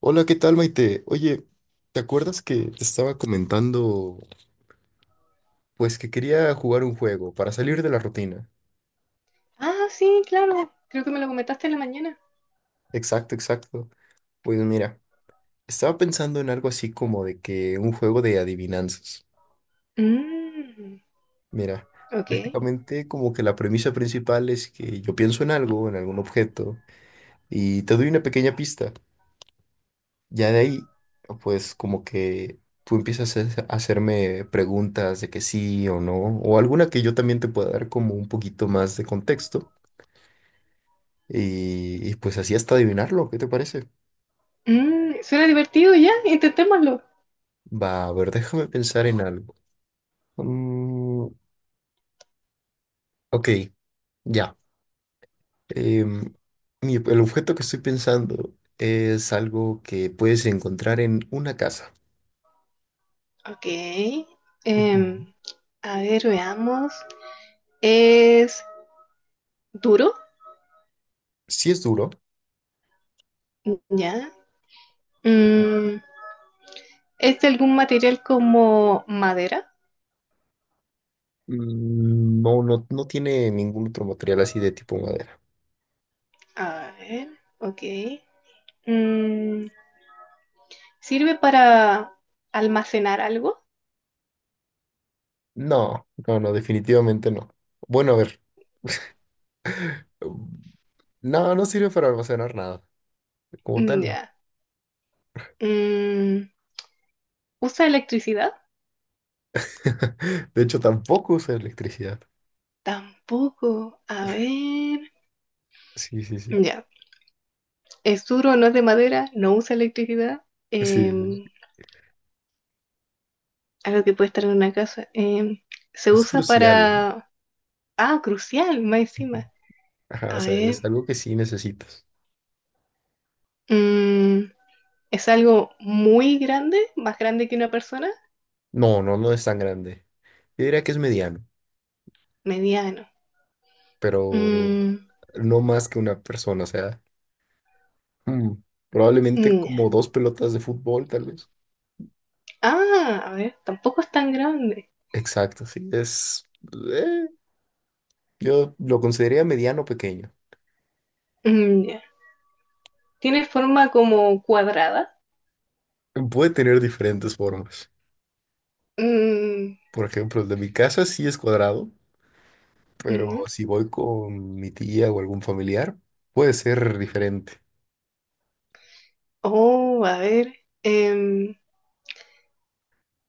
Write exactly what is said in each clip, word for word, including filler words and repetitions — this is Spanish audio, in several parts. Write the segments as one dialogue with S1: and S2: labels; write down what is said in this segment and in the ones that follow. S1: Hola, ¿qué tal, Maite? Oye, ¿te acuerdas que te estaba comentando, pues que quería jugar un juego para salir de la rutina?
S2: Ah, sí, claro. Creo que me lo comentaste en la mañana.
S1: Exacto, exacto. Pues mira, estaba pensando en algo así como de que un juego de adivinanzas.
S2: Mm,
S1: Mira,
S2: ok.
S1: prácticamente como que la premisa principal es que yo pienso en algo, en algún objeto, y te doy una pequeña pista. Ya de ahí, pues como que tú empiezas a hacer- a hacerme preguntas de que sí o no, o alguna que yo también te pueda dar como un poquito más de contexto, y, y pues así hasta adivinarlo, ¿qué te parece?
S2: Mm, suena divertido ya, intentémoslo.
S1: Va, a ver, déjame pensar en algo. Mm, ok, ya. Em, mi- el objeto que estoy pensando es algo que puedes encontrar en una casa.
S2: Ok.
S1: Ujú.
S2: Em, a ver, veamos. ¿Es duro?
S1: Sí es duro,
S2: Ya. Mm, ¿Es de algún material como madera?
S1: mm, no, no, no tiene ningún otro material así de tipo madera.
S2: A ver, ok. Mm, ¿Sirve para almacenar algo?
S1: No, no, no, definitivamente no. Bueno, a ver, no, no sirve para almacenar nada, como
S2: Mm,
S1: tal no.
S2: Ya. Mm, ¿Usa electricidad?
S1: De hecho, tampoco usa electricidad.
S2: Tampoco. A ver.
S1: Sí, sí, sí,
S2: Ya. Es duro, no es de madera, no usa electricidad,
S1: sí, sí,
S2: eh,
S1: sí.
S2: algo que puede estar en una casa. Eh, se
S1: Es
S2: usa
S1: crucial, ¿eh?
S2: para... Ah, crucial, más
S1: Ujú.
S2: encima.
S1: Ajá, o
S2: A
S1: sea,
S2: ver.
S1: es algo que sí necesitas.
S2: mm, es algo muy grande, más grande que una persona,
S1: No, no, no es tan grande. Yo diría que es mediano,
S2: mediano.
S1: pero
S2: Mm,
S1: no más que una persona, o sea, mm, probablemente
S2: mm, ya.
S1: como dos pelotas de fútbol, tal vez.
S2: Ah, a ver, tampoco es tan grande.
S1: Exacto, sí, es, eh, yo lo consideraría mediano pequeño.
S2: Mm, ya. Tiene forma como cuadrada.
S1: Puede tener diferentes formas.
S2: Mm,
S1: Por ejemplo, el de mi casa sí es cuadrado,
S2: mm,
S1: pero
S2: ya.
S1: si voy con mi tía o algún familiar, puede ser diferente.
S2: Oh, a ver. em,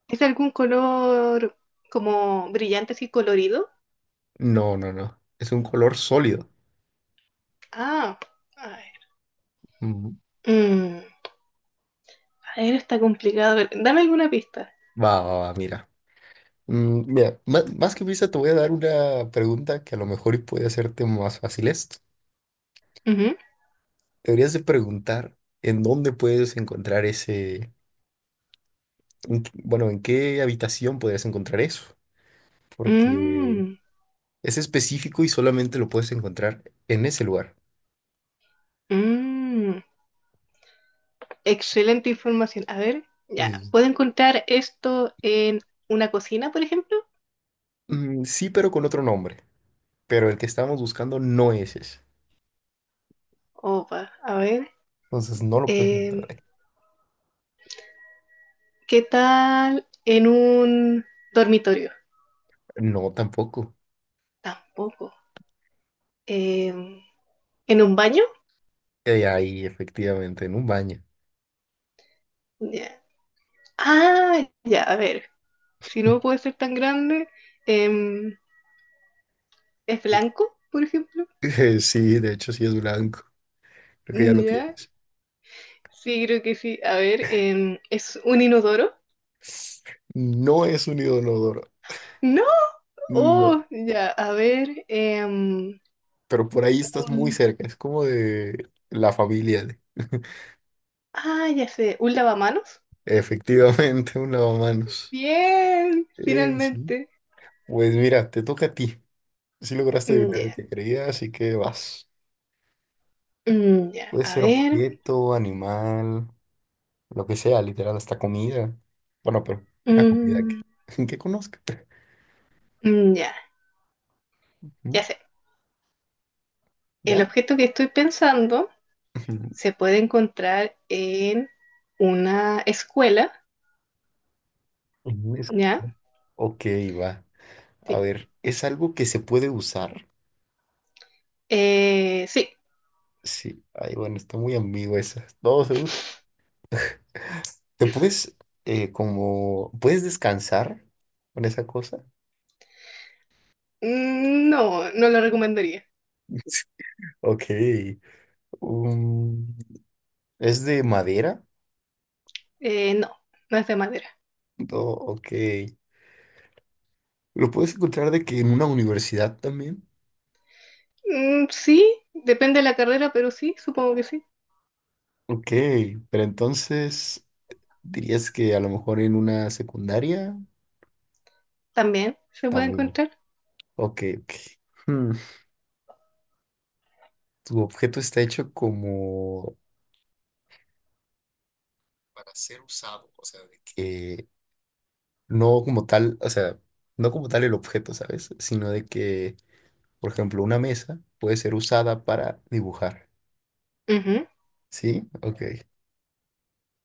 S2: ¿Es algún color como brillante así colorido?
S1: No, no, no. Es un color sólido.
S2: Ah, a ver.
S1: Mm,
S2: Mm, a ver, está complicado. A ver, dame alguna pista.
S1: va, va, va, mira. Mm, mira, ma- más, que pista te voy a dar una pregunta que a lo mejor y puede hacerte más fácil esto.
S2: Ujú.
S1: Deberías de preguntar en dónde puedes encontrar ese, en qué- bueno, en qué habitación podrías encontrar eso, porque
S2: Mm,
S1: es específico y solamente lo puedes encontrar en ese lugar.
S2: mm, excelente información. A ver, ya.
S1: Dices,
S2: ¿Puedo encontrar esto en una cocina, por ejemplo?
S1: "Mm, sí, pero con otro nombre". Pero el que estamos buscando no es ese.
S2: Opa, a ver.
S1: Entonces no lo puedes encontrar
S2: em,
S1: ahí.
S2: ¿Qué tal en un dormitorio?
S1: No, tampoco.
S2: Tampoco. Em, ¿En un baño?
S1: Eh, ahí, efectivamente, en un baño.
S2: Ya. Ah, ya, a ver. Si no puede ser tan grande, em, es blanco, por ejemplo.
S1: Eh, sí, de hecho sí es blanco. Creo que ya lo
S2: Ya,
S1: tienes.
S2: sí, creo que sí. A ver, em, ¿es un inodoro?
S1: No es un odonodoro.
S2: No,
S1: No.
S2: oh, ya, a ver, em,
S1: Pero por ahí estás muy
S2: un...
S1: cerca. Es como de la familia de...
S2: Ah, ya sé, ¿un lavamanos?
S1: Efectivamente, un lavamanos.
S2: Bien,
S1: Eh, sí.
S2: finalmente.
S1: Pues mira, te toca a ti. Si lograste
S2: Mm,
S1: adivinar el
S2: Ya,
S1: que creía, así que vas.
S2: mm, ya,
S1: Puede
S2: a
S1: ser
S2: ver,
S1: objeto, animal, lo que sea, literal, hasta comida. Bueno, pero una comida
S2: mm,
S1: que, que conozca.
S2: mm, ya,
S1: ¿Mm?
S2: ya sé. El
S1: ¿Ya?
S2: objeto que estoy pensando
S1: Ujú.
S2: se puede encontrar en una escuela,
S1: Ujú, es
S2: ¿ya?
S1: como- ok, va. A
S2: Sí.
S1: ver, ¿es algo que se puede usar?
S2: Eh, sí.
S1: Sí. Ay, bueno, está muy ambigua esa. No se usa. ¿Te puedes, eh, como, puedes descansar con esa cosa?
S2: Mm, no, no lo recomendaría.
S1: Ok. Um, ¿es de madera?
S2: Eh, no, no es de madera.
S1: No, ok. ¿Lo puedes encontrar de que en una universidad también?
S2: Mm, sí, depende de la carrera, pero sí, supongo que sí.
S1: Ok, pero entonces dirías que a lo mejor en una secundaria
S2: También se puede
S1: también.
S2: encontrar.
S1: Ok, ok. Hmm, tu objeto está hecho como para ser usado, o sea, de que no como tal, o sea, no como tal el objeto, ¿sabes? Sino de que, por ejemplo, una mesa puede ser usada para dibujar,
S2: Ujú.
S1: ¿sí? Ok,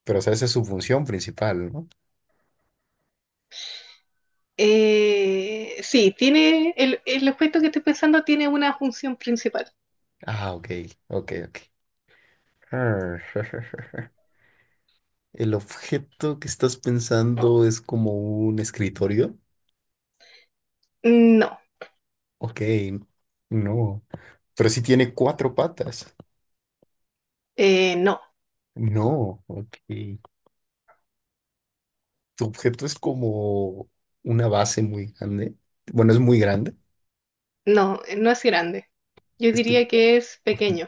S1: pero o sea, esa es su función principal, ¿no?
S2: Eh, sí, tiene el, el objeto que estoy pensando tiene una función principal.
S1: Ah, ok, ok, ok. El objeto que estás pensando es como un escritorio.
S2: No,
S1: Ok, no. Pero si tiene cuatro patas.
S2: eh, no,
S1: No, ok. Tu objeto es como una base muy grande. Bueno, es muy grande.
S2: no, no es grande. Yo
S1: Es, pe-
S2: diría que es pequeño.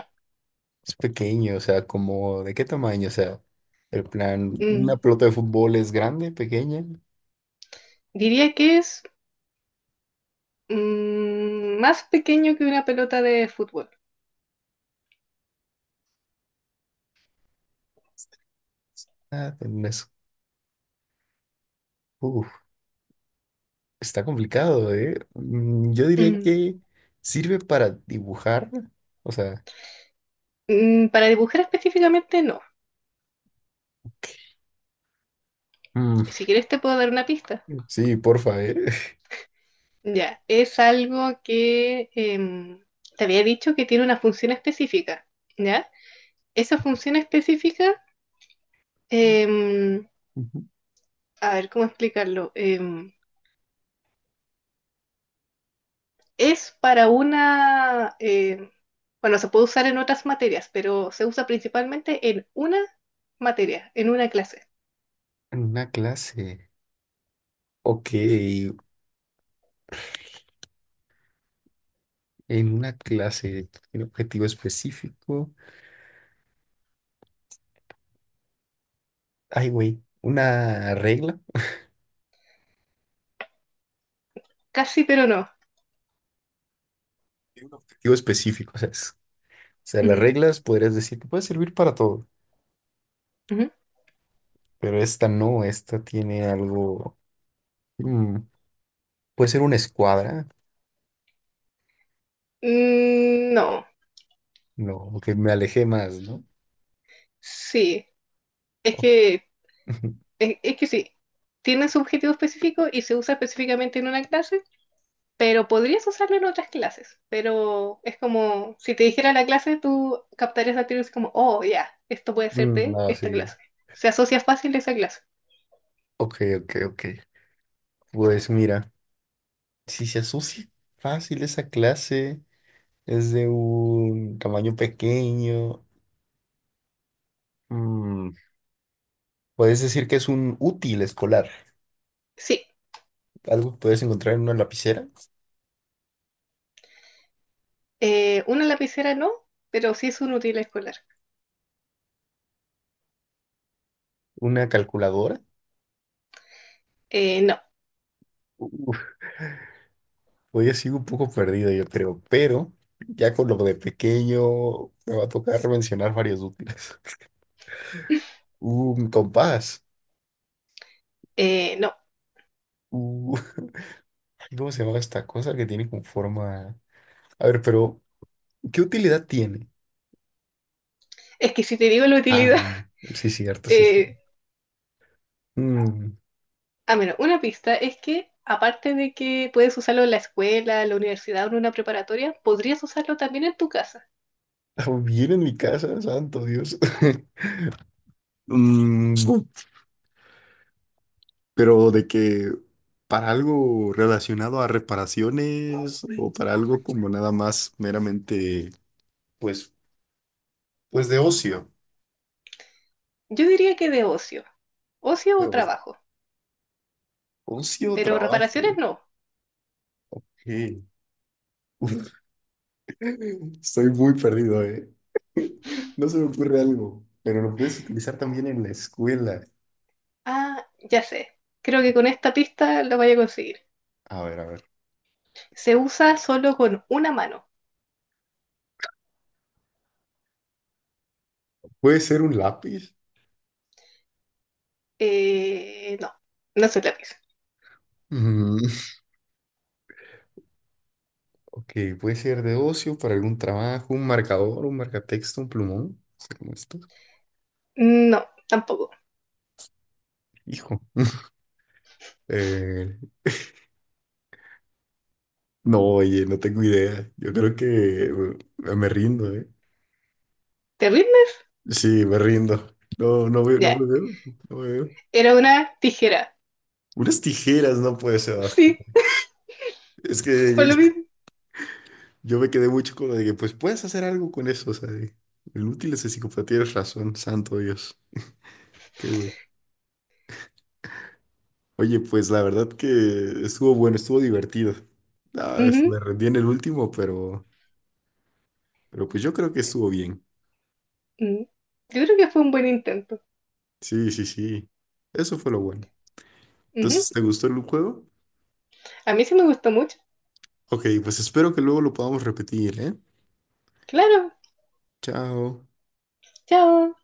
S1: es pequeño, o sea, como ¿de qué tamaño? O sea, el plan, una
S2: Mm,
S1: pelota de fútbol es grande, pequeña.
S2: diría que es mm, más pequeño que una pelota de fútbol.
S1: Ah, no es- uf, está complicado, ¿eh? Mm, yo diría
S2: Mm,
S1: que sirve para dibujar. O sea.
S2: mm, para dibujar específicamente, no. Si quieres te puedo dar una pista.
S1: Sí, porfa, ¿eh?
S2: Ya, es algo que em, te había dicho que tiene una función específica, ¿ya? Esa función específica, em, a ver cómo explicarlo. Em, es para una, em, bueno, se puede usar en otras materias, pero se usa principalmente en una materia, en una clase.
S1: En una clase. Ok, en una clase, un objetivo específico. Ay, güey, una regla
S2: Casi, pero no.
S1: y un objetivo específico, ¿sabes? O sea, las
S2: Ujú,
S1: reglas podrías decir que puede servir para todo,
S2: ujú.
S1: pero esta no, esta tiene algo. mm, puede ser una escuadra,
S2: Mm, no,
S1: no, que me alejé más, ¿no?
S2: sí, es
S1: O-
S2: que Es, es que sí, tiene su objetivo específico y se usa específicamente en una clase, pero podrías usarlo en otras clases. Pero es como si te dijera la clase, tú captarías la teoría así como, oh, ya, esto puede ser
S1: Mm,
S2: de
S1: no,
S2: esta
S1: sí.
S2: clase. Se asocia fácil a esa clase.
S1: Ok, ok, ok. Pues mira, si se asocia fácil esa clase. Es de un tamaño pequeño. Mm, puedes decir que es un útil escolar.
S2: Sí,
S1: Algo que puedes encontrar en una lapicera,
S2: eh, una lapicera no, pero sí es un útil escolar.
S1: una calculadora.
S2: Eh, no.
S1: Uf, hoy sigo un poco perdido, yo creo, pero ya con lo de pequeño me va a tocar mencionar varios útiles. Un compás.
S2: Eh, no,
S1: Uh, ay, ¿cómo se llama esta cosa que tiene con forma? A ver, pero ¿qué utilidad tiene?
S2: es que si te digo la utilidad,
S1: Ah, sí, cierto, sí, sí.
S2: eh,
S1: Mm,
S2: ah, bueno, una pista es que aparte de que puedes usarlo en la escuela, en la universidad o en una preparatoria, podrías usarlo también en tu casa.
S1: bien en mi casa, santo Dios. Mm, pero de que para algo relacionado a reparaciones o para algo como nada más meramente, pues, pues de ocio,
S2: Yo diría que de ocio, ocio
S1: de
S2: o
S1: o-
S2: trabajo,
S1: ocio,
S2: pero reparaciones
S1: trabajo.
S2: no.
S1: Sí. Estoy muy perdido, ¿eh? No se me ocurre algo, pero lo puedes utilizar también en la escuela.
S2: Ah, ya sé, creo que con esta pista lo voy a conseguir.
S1: A ver, a ver.
S2: Se usa solo con una mano.
S1: ¿Puede ser un lápiz?
S2: Eh, no, no soy lápiz.
S1: Mm, ok, puede ser de ocio, para algún trabajo, un marcador, un marcatexto, un plumón, no sé cómo esto.
S2: No, tampoco.
S1: Hijo. Eh, No, oye, no tengo idea. Yo creo que me, me rindo, ¿eh?
S2: ¿Te rindes?
S1: Sí, me rindo. No, no veo, no
S2: Ya,
S1: me veo, no me veo.
S2: era una tijera.
S1: Unas tijeras no puede ser. Ah,
S2: Sí,
S1: es que yo,
S2: por lo
S1: yo-
S2: mismo.
S1: yo me quedé mucho con lo de que, pues puedes hacer algo con eso, o sea, de- el útil es de psicopatía, tienes razón, santo Dios. Qué güey. Oye, pues la verdad que estuvo bueno, estuvo divertido. Ah, es-
S2: Ujú.
S1: me rendí en el último, pero, pero pues yo creo que estuvo bien.
S2: Mm. Yo creo que fue un buen intento.
S1: Sí, sí, sí. Eso fue lo bueno.
S2: Ujú.
S1: Entonces, ¿te gustó el juego?
S2: A mí sí me gustó mucho.
S1: Ok, pues espero que luego lo podamos repetir, ¿eh?
S2: Claro,
S1: Chao.
S2: chao.